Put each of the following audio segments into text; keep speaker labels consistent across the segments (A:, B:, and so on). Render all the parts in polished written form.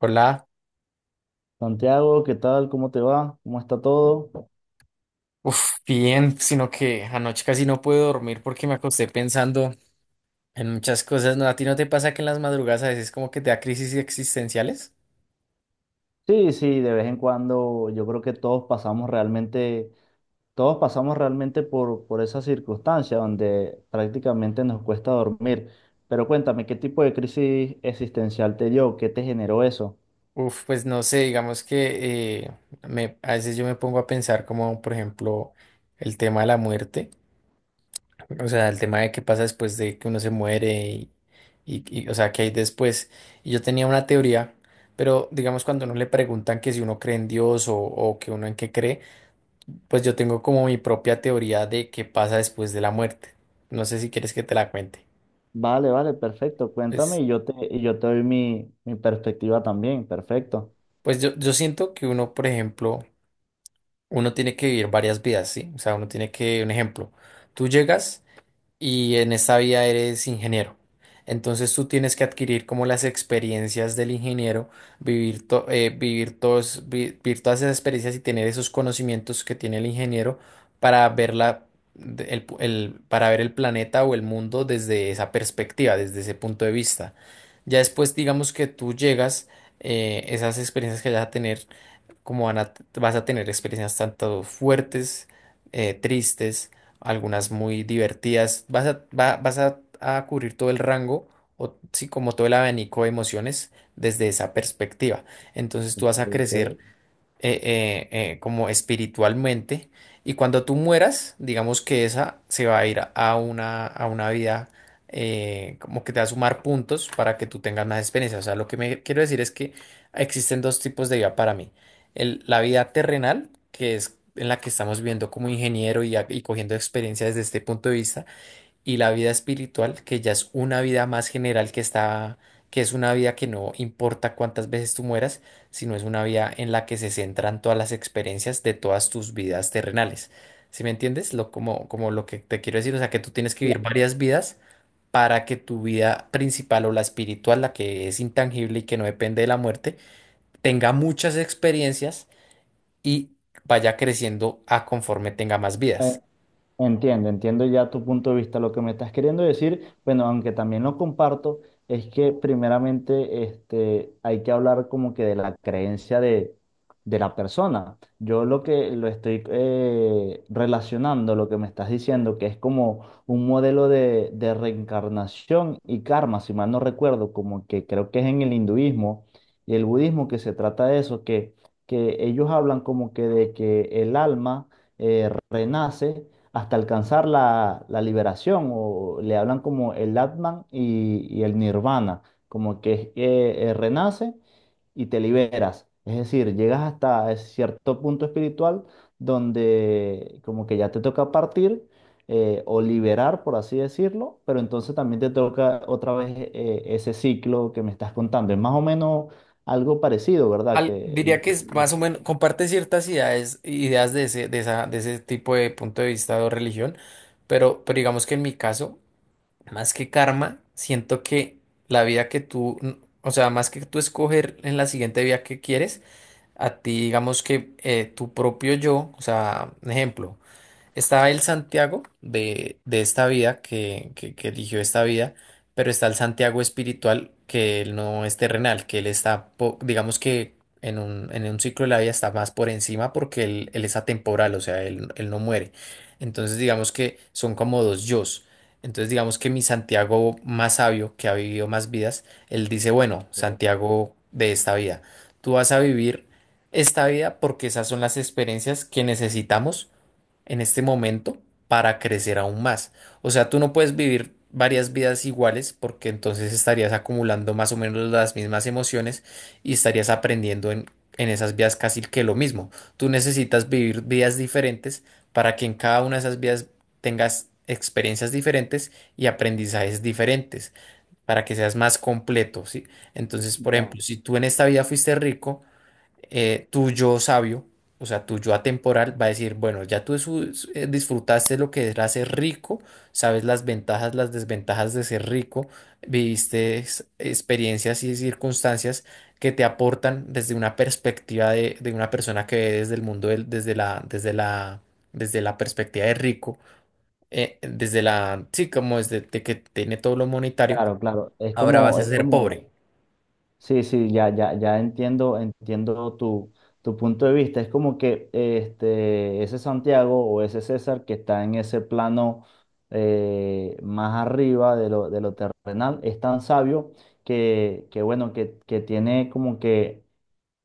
A: Hola,
B: Santiago, ¿qué tal? ¿Cómo te va? ¿Cómo está todo?
A: uf, bien, sino que anoche casi no puedo dormir porque me acosté pensando en muchas cosas. ¿No? ¿A ti no te pasa que en las madrugadas a veces como que te da crisis existenciales?
B: Sí, sí, de vez en cuando yo creo que todos pasamos realmente por esa circunstancia donde prácticamente nos cuesta dormir. Pero cuéntame, ¿qué tipo de crisis existencial te dio? ¿Qué te generó eso?
A: Uf, pues no sé, digamos que a veces yo me pongo a pensar como, por ejemplo, el tema de la muerte, o sea, el tema de qué pasa después de que uno se muere y, o sea, qué hay después. Y yo tenía una teoría, pero digamos cuando uno le preguntan que si uno cree en Dios o que uno en qué cree. Pues yo tengo como mi propia teoría de qué pasa después de la muerte. No sé si quieres que te la cuente.
B: Vale, vale, perfecto. Cuéntame
A: Pues,
B: y yo te doy mi perspectiva también. Perfecto.
A: pues yo siento que uno, por ejemplo, uno tiene que vivir varias vidas, ¿sí? O sea, uno tiene que, un ejemplo, tú llegas. Y en esta vida eres ingeniero. Entonces tú tienes que adquirir como las experiencias del ingeniero, vivir, to- vivir, todos, vi- vivir todas esas experiencias y tener esos conocimientos que tiene el ingeniero para ver la- para ver el planeta o el mundo desde esa perspectiva, desde ese punto de vista. Ya después, digamos que tú llegas, esas experiencias que vas a tener vas a tener experiencias tanto fuertes, tristes, algunas muy divertidas, vas a cubrir todo el rango, o sí, como todo el abanico de emociones desde esa perspectiva. Entonces tú vas a crecer eh, como espiritualmente. Y cuando tú mueras, digamos que esa se va a ir a una vida como que te va a sumar puntos para que tú tengas más experiencia. O sea, lo que me quiero decir es que existen dos tipos de vida para mí. La vida terrenal, que es en la que estamos viviendo como ingeniero y cogiendo experiencia desde este punto de vista y la vida espiritual, que ya es una vida más general que es una vida que no importa cuántas veces tú mueras, sino es una vida en la que se centran todas las experiencias de todas tus vidas terrenales. ¿Sí me entiendes? Como lo que te quiero decir, o sea, que tú tienes que vivir varias vidas para que tu vida principal o la espiritual, la que es intangible y que no depende de la muerte, tenga muchas experiencias y vaya creciendo a conforme tenga más vidas.
B: Ok. Entiendo, entiendo ya tu punto de vista. Lo que me estás queriendo decir, bueno, aunque también lo comparto, es que primeramente este, hay que hablar como que de la creencia de la persona. Yo lo que lo estoy relacionando, lo que me estás diciendo, que es como un modelo de reencarnación y karma, si mal no recuerdo, como que creo que es en el hinduismo y el budismo que se trata de eso, que ellos hablan como que de que el alma renace hasta alcanzar la liberación, o le hablan como el Atman y el Nirvana, como que es que, renace y te liberas. Es decir, llegas hasta ese cierto punto espiritual donde como que ya te toca partir o liberar, por así decirlo, pero entonces también te toca otra vez ese ciclo que me estás contando. Es más o menos algo parecido, ¿verdad? Que
A: Diría que es más o menos, comparte ciertas ideas, ideas de ese, de esa, de ese tipo de punto de vista o religión, pero digamos que en mi caso, más que karma, siento que la vida que tú, o sea, más que tú escoger en la siguiente vida que quieres, a ti digamos que tu propio yo, o sea, un ejemplo. Está el Santiago de esta vida, que eligió esta vida, pero está el Santiago espiritual, que él no es terrenal, que él está, digamos que en un ciclo de la vida está más por encima porque él es atemporal, o sea, él no muere. Entonces, digamos que son como dos yos. Entonces, digamos que mi Santiago más sabio, que ha vivido más vidas, él dice, bueno,
B: que-
A: Santiago de esta vida, tú vas a vivir esta vida porque esas son las experiencias que necesitamos en este momento para crecer aún más. O sea, tú no puedes vivir varias vidas iguales porque entonces estarías acumulando más o menos las mismas emociones y estarías aprendiendo en esas vidas casi que lo mismo. Tú necesitas vivir vidas diferentes para que en cada una de esas vidas tengas experiencias diferentes y aprendizajes diferentes para que seas más completo, ¿sí? Entonces, por
B: ya,
A: ejemplo, si tú en esta vida fuiste rico, tu yo sabio, o sea, tu yo atemporal, va a decir, bueno, ya tú disfrutaste lo que era ser rico, sabes las ventajas, las desventajas de ser rico, viviste experiencias y circunstancias que te aportan desde una perspectiva de una persona que ve desde el mundo, desde la perspectiva de rico, desde la, sí, como desde de que tiene todo lo monetario,
B: claro, claro.
A: ahora vas a ser pobre.
B: Sí, sí, ya, entiendo, entiendo tu punto de vista. Es como que este, ese Santiago o ese César que está en ese plano más arriba de de lo terrenal es tan sabio que bueno, que tiene como que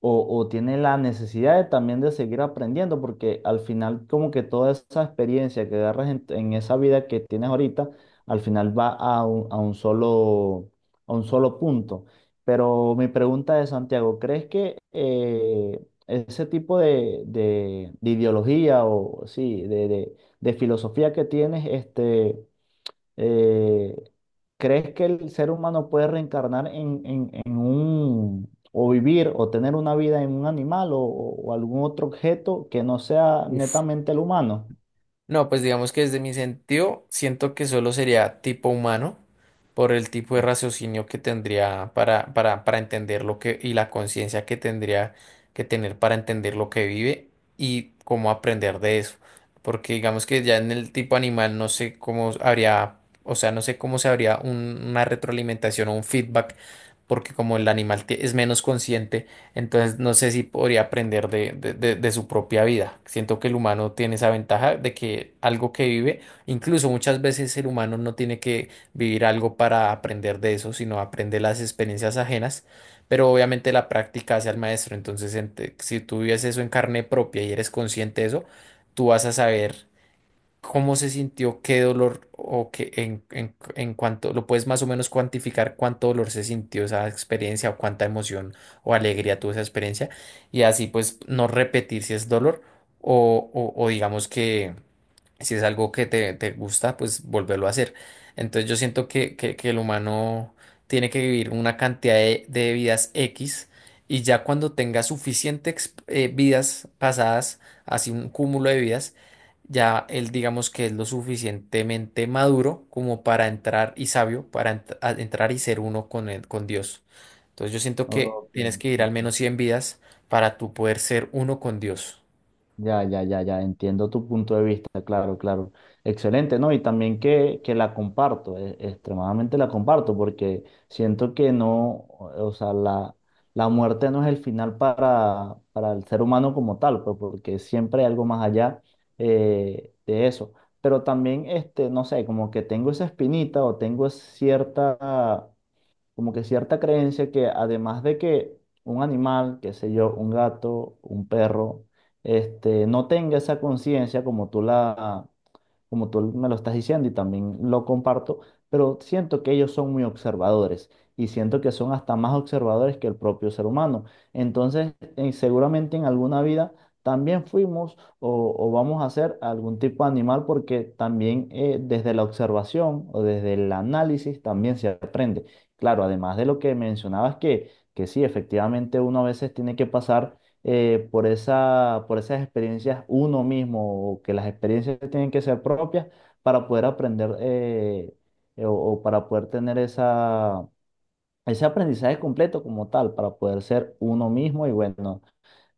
B: o tiene la necesidad de también de seguir aprendiendo, porque al final como que toda esa experiencia que agarras en esa vida que tienes ahorita, al final va a un solo, a un solo punto. Pero mi pregunta es, Santiago, ¿crees que ese tipo de ideología o sí, de filosofía que tienes, este eh, ¿crees que el ser humano puede reencarnar en un, o vivir o tener una vida en un animal o algún otro objeto que no sea
A: Uf.
B: netamente el humano?
A: No, pues digamos que desde mi sentido siento que solo sería tipo humano por el tipo de raciocinio que tendría para entender lo que y la conciencia que tendría que tener para entender lo que vive y cómo aprender de eso. Porque digamos que ya en el tipo animal no sé cómo habría, o sea, no sé cómo se habría una retroalimentación o un feedback, porque como el animal es menos consciente. Entonces, no sé si podría aprender de su propia vida. Siento que el humano tiene esa ventaja de que algo que vive, incluso muchas veces el humano no tiene que vivir algo para aprender de eso, sino aprende las experiencias ajenas, pero obviamente la práctica hace al maestro. Entonces, si tú vives eso en carne propia y eres consciente de eso, tú vas a saber. ¿Cómo se sintió? ¿Qué dolor? ¿O qué en cuánto? ¿Lo puedes más o menos cuantificar cuánto dolor se sintió esa experiencia o cuánta emoción o alegría tuvo esa experiencia? Y así pues no repetir si es dolor o digamos que si es algo que te gusta, pues volverlo a hacer. Entonces yo siento que, que el humano tiene que vivir una cantidad de vidas X y ya cuando tenga suficiente vidas pasadas, así un cúmulo de vidas, ya él digamos que es lo suficientemente maduro como para entrar y sabio, para entrar y ser uno con con Dios. Entonces yo siento que
B: Ok,
A: tienes que ir al
B: ok.
A: menos 100 vidas para tú poder ser uno con Dios.
B: Ya, entiendo tu punto de vista, claro, claro. Excelente, ¿no? Y también que la comparto, extremadamente la comparto, porque siento que no, o sea, la muerte no es el final para el ser humano como tal, pues porque siempre hay algo más allá de eso. Pero también, este, no sé, como que tengo esa espinita o tengo cierta como que cierta creencia que además de que un animal, qué sé yo, un gato, un perro, este, no tenga esa conciencia como como tú me lo estás diciendo y también lo comparto, pero siento que ellos son muy observadores y siento que son hasta más observadores que el propio ser humano. Entonces, seguramente en alguna vida también fuimos o vamos a ser algún tipo de animal porque también desde la observación o desde el análisis también se aprende. Claro, además de lo que mencionabas que sí, efectivamente uno a veces tiene que pasar por esa, por esas experiencias uno mismo, o que las experiencias tienen que ser propias para poder aprender o para poder tener esa, ese aprendizaje completo como tal, para poder ser uno mismo y bueno,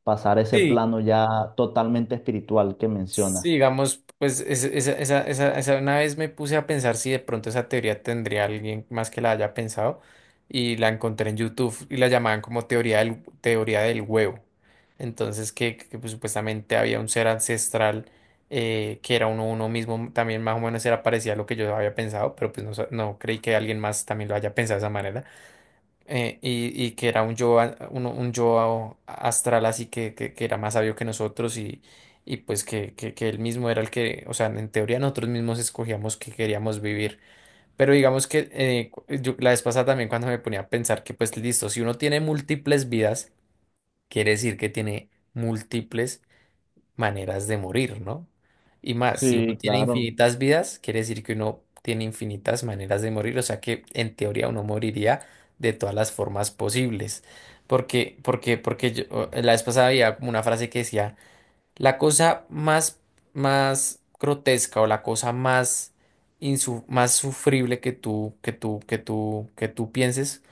B: pasar ese plano ya totalmente espiritual que menciona.
A: Sí, digamos, pues esa una vez me puse a pensar si de pronto esa teoría tendría alguien más que la haya pensado y la encontré en YouTube y la llamaban como teoría del huevo. Entonces, pues, supuestamente había un ser ancestral que era uno, uno mismo, también más o menos era parecido a lo que yo había pensado, pero pues no, no creí que alguien más también lo haya pensado de esa manera y que era un yo, un yo astral así que, que era más sabio que nosotros y pues que, que él mismo era el que, o sea, en teoría nosotros mismos escogíamos que queríamos vivir. Pero digamos que yo la vez pasada también cuando me ponía a pensar que pues listo, si uno tiene múltiples vidas, quiere decir que tiene múltiples maneras de morir, ¿no? Y más, si uno
B: Sí,
A: tiene
B: claro.
A: infinitas vidas, quiere decir que uno tiene infinitas maneras de morir, o sea que en teoría uno moriría de todas las formas posibles. Porque yo, la vez pasada había como una frase que decía, la cosa más grotesca o la cosa más sufrible que tú pienses,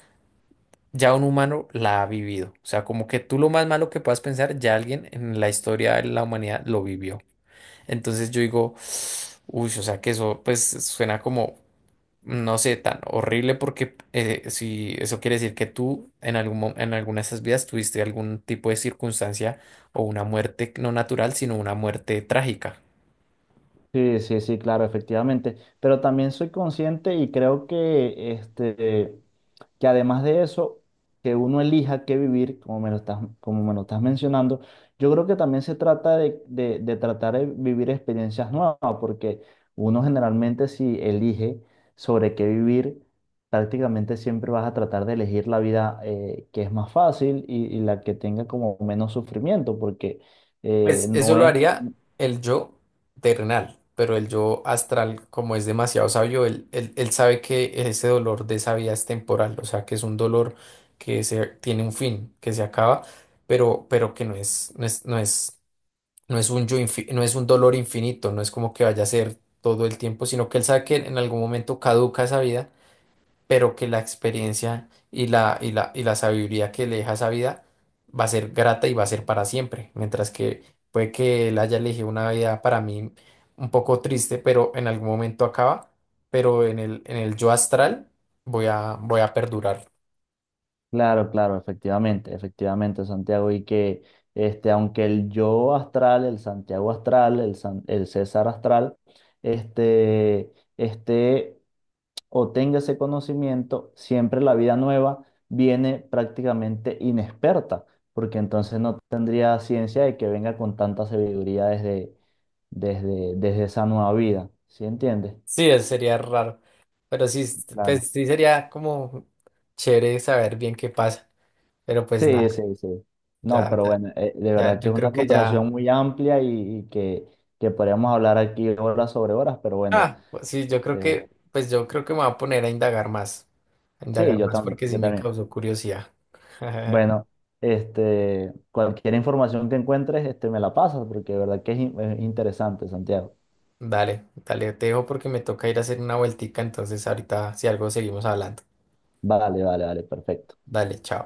A: ya un humano la ha vivido. O sea, como que tú lo más malo que puedas pensar, ya alguien en la historia de la humanidad lo vivió. Entonces yo digo, uy, o sea que eso pues suena como, no sé, tan horrible porque si eso quiere decir que tú en alguna de esas vidas tuviste algún tipo de circunstancia o una muerte no natural, sino una muerte trágica.
B: Sí, sí, sí, claro, efectivamente. Pero también soy consciente y creo que, este, que además de eso, que uno elija qué vivir, como me lo estás, como me lo estás mencionando, yo creo que también se trata de tratar de vivir experiencias nuevas, ¿no? Porque uno generalmente si elige sobre qué vivir, prácticamente siempre vas a tratar de elegir la vida que es más fácil y la que tenga como menos sufrimiento, porque
A: Pues eso
B: no
A: lo
B: es.
A: haría el yo terrenal, pero el yo astral, como es demasiado sabio, él sabe que ese dolor de esa vida es temporal, o sea, que es un dolor tiene un fin, que se acaba, pero que no es No es un yo infi- no es un dolor infinito, no es como que vaya a ser todo el tiempo, sino que él sabe que en algún momento caduca esa vida, pero que la experiencia y la sabiduría que le deja esa vida va a ser grata y va a ser para siempre. Mientras que puede que él haya elegido una vida para mí un poco triste, pero en algún momento acaba, pero en el yo astral voy a perdurar.
B: Claro, claro, efectivamente, efectivamente, Santiago, y que este, aunque el yo astral, el Santiago astral, el César astral, este, esté o tenga ese conocimiento, siempre la vida nueva viene prácticamente inexperta, porque entonces no tendría ciencia de que venga con tanta sabiduría desde, desde esa nueva vida, ¿sí entiendes?
A: Sí, eso sería raro, pero sí,
B: Claro.
A: pues, sí sería como chévere saber bien qué pasa. Pero pues nada,
B: Sí, sí, sí. No,
A: ya,
B: pero
A: ya,
B: bueno, de
A: ya,
B: verdad que
A: yo
B: es
A: creo
B: una
A: que
B: conversación
A: ya.
B: muy amplia y que podríamos hablar aquí horas sobre horas, pero bueno,
A: Ah, pues sí, yo creo
B: este,
A: que, me voy a poner a indagar más. A
B: sí,
A: indagar
B: yo
A: más
B: también,
A: porque sí
B: yo
A: me
B: también.
A: causó curiosidad.
B: Bueno, este, cualquier información que encuentres, este, me la pasas, porque de verdad que es es interesante, Santiago.
A: Dale, dale, te dejo porque me toca ir a hacer una vueltica, entonces ahorita si algo seguimos hablando.
B: Vale, vale, vale, perfecto.
A: Dale, chao.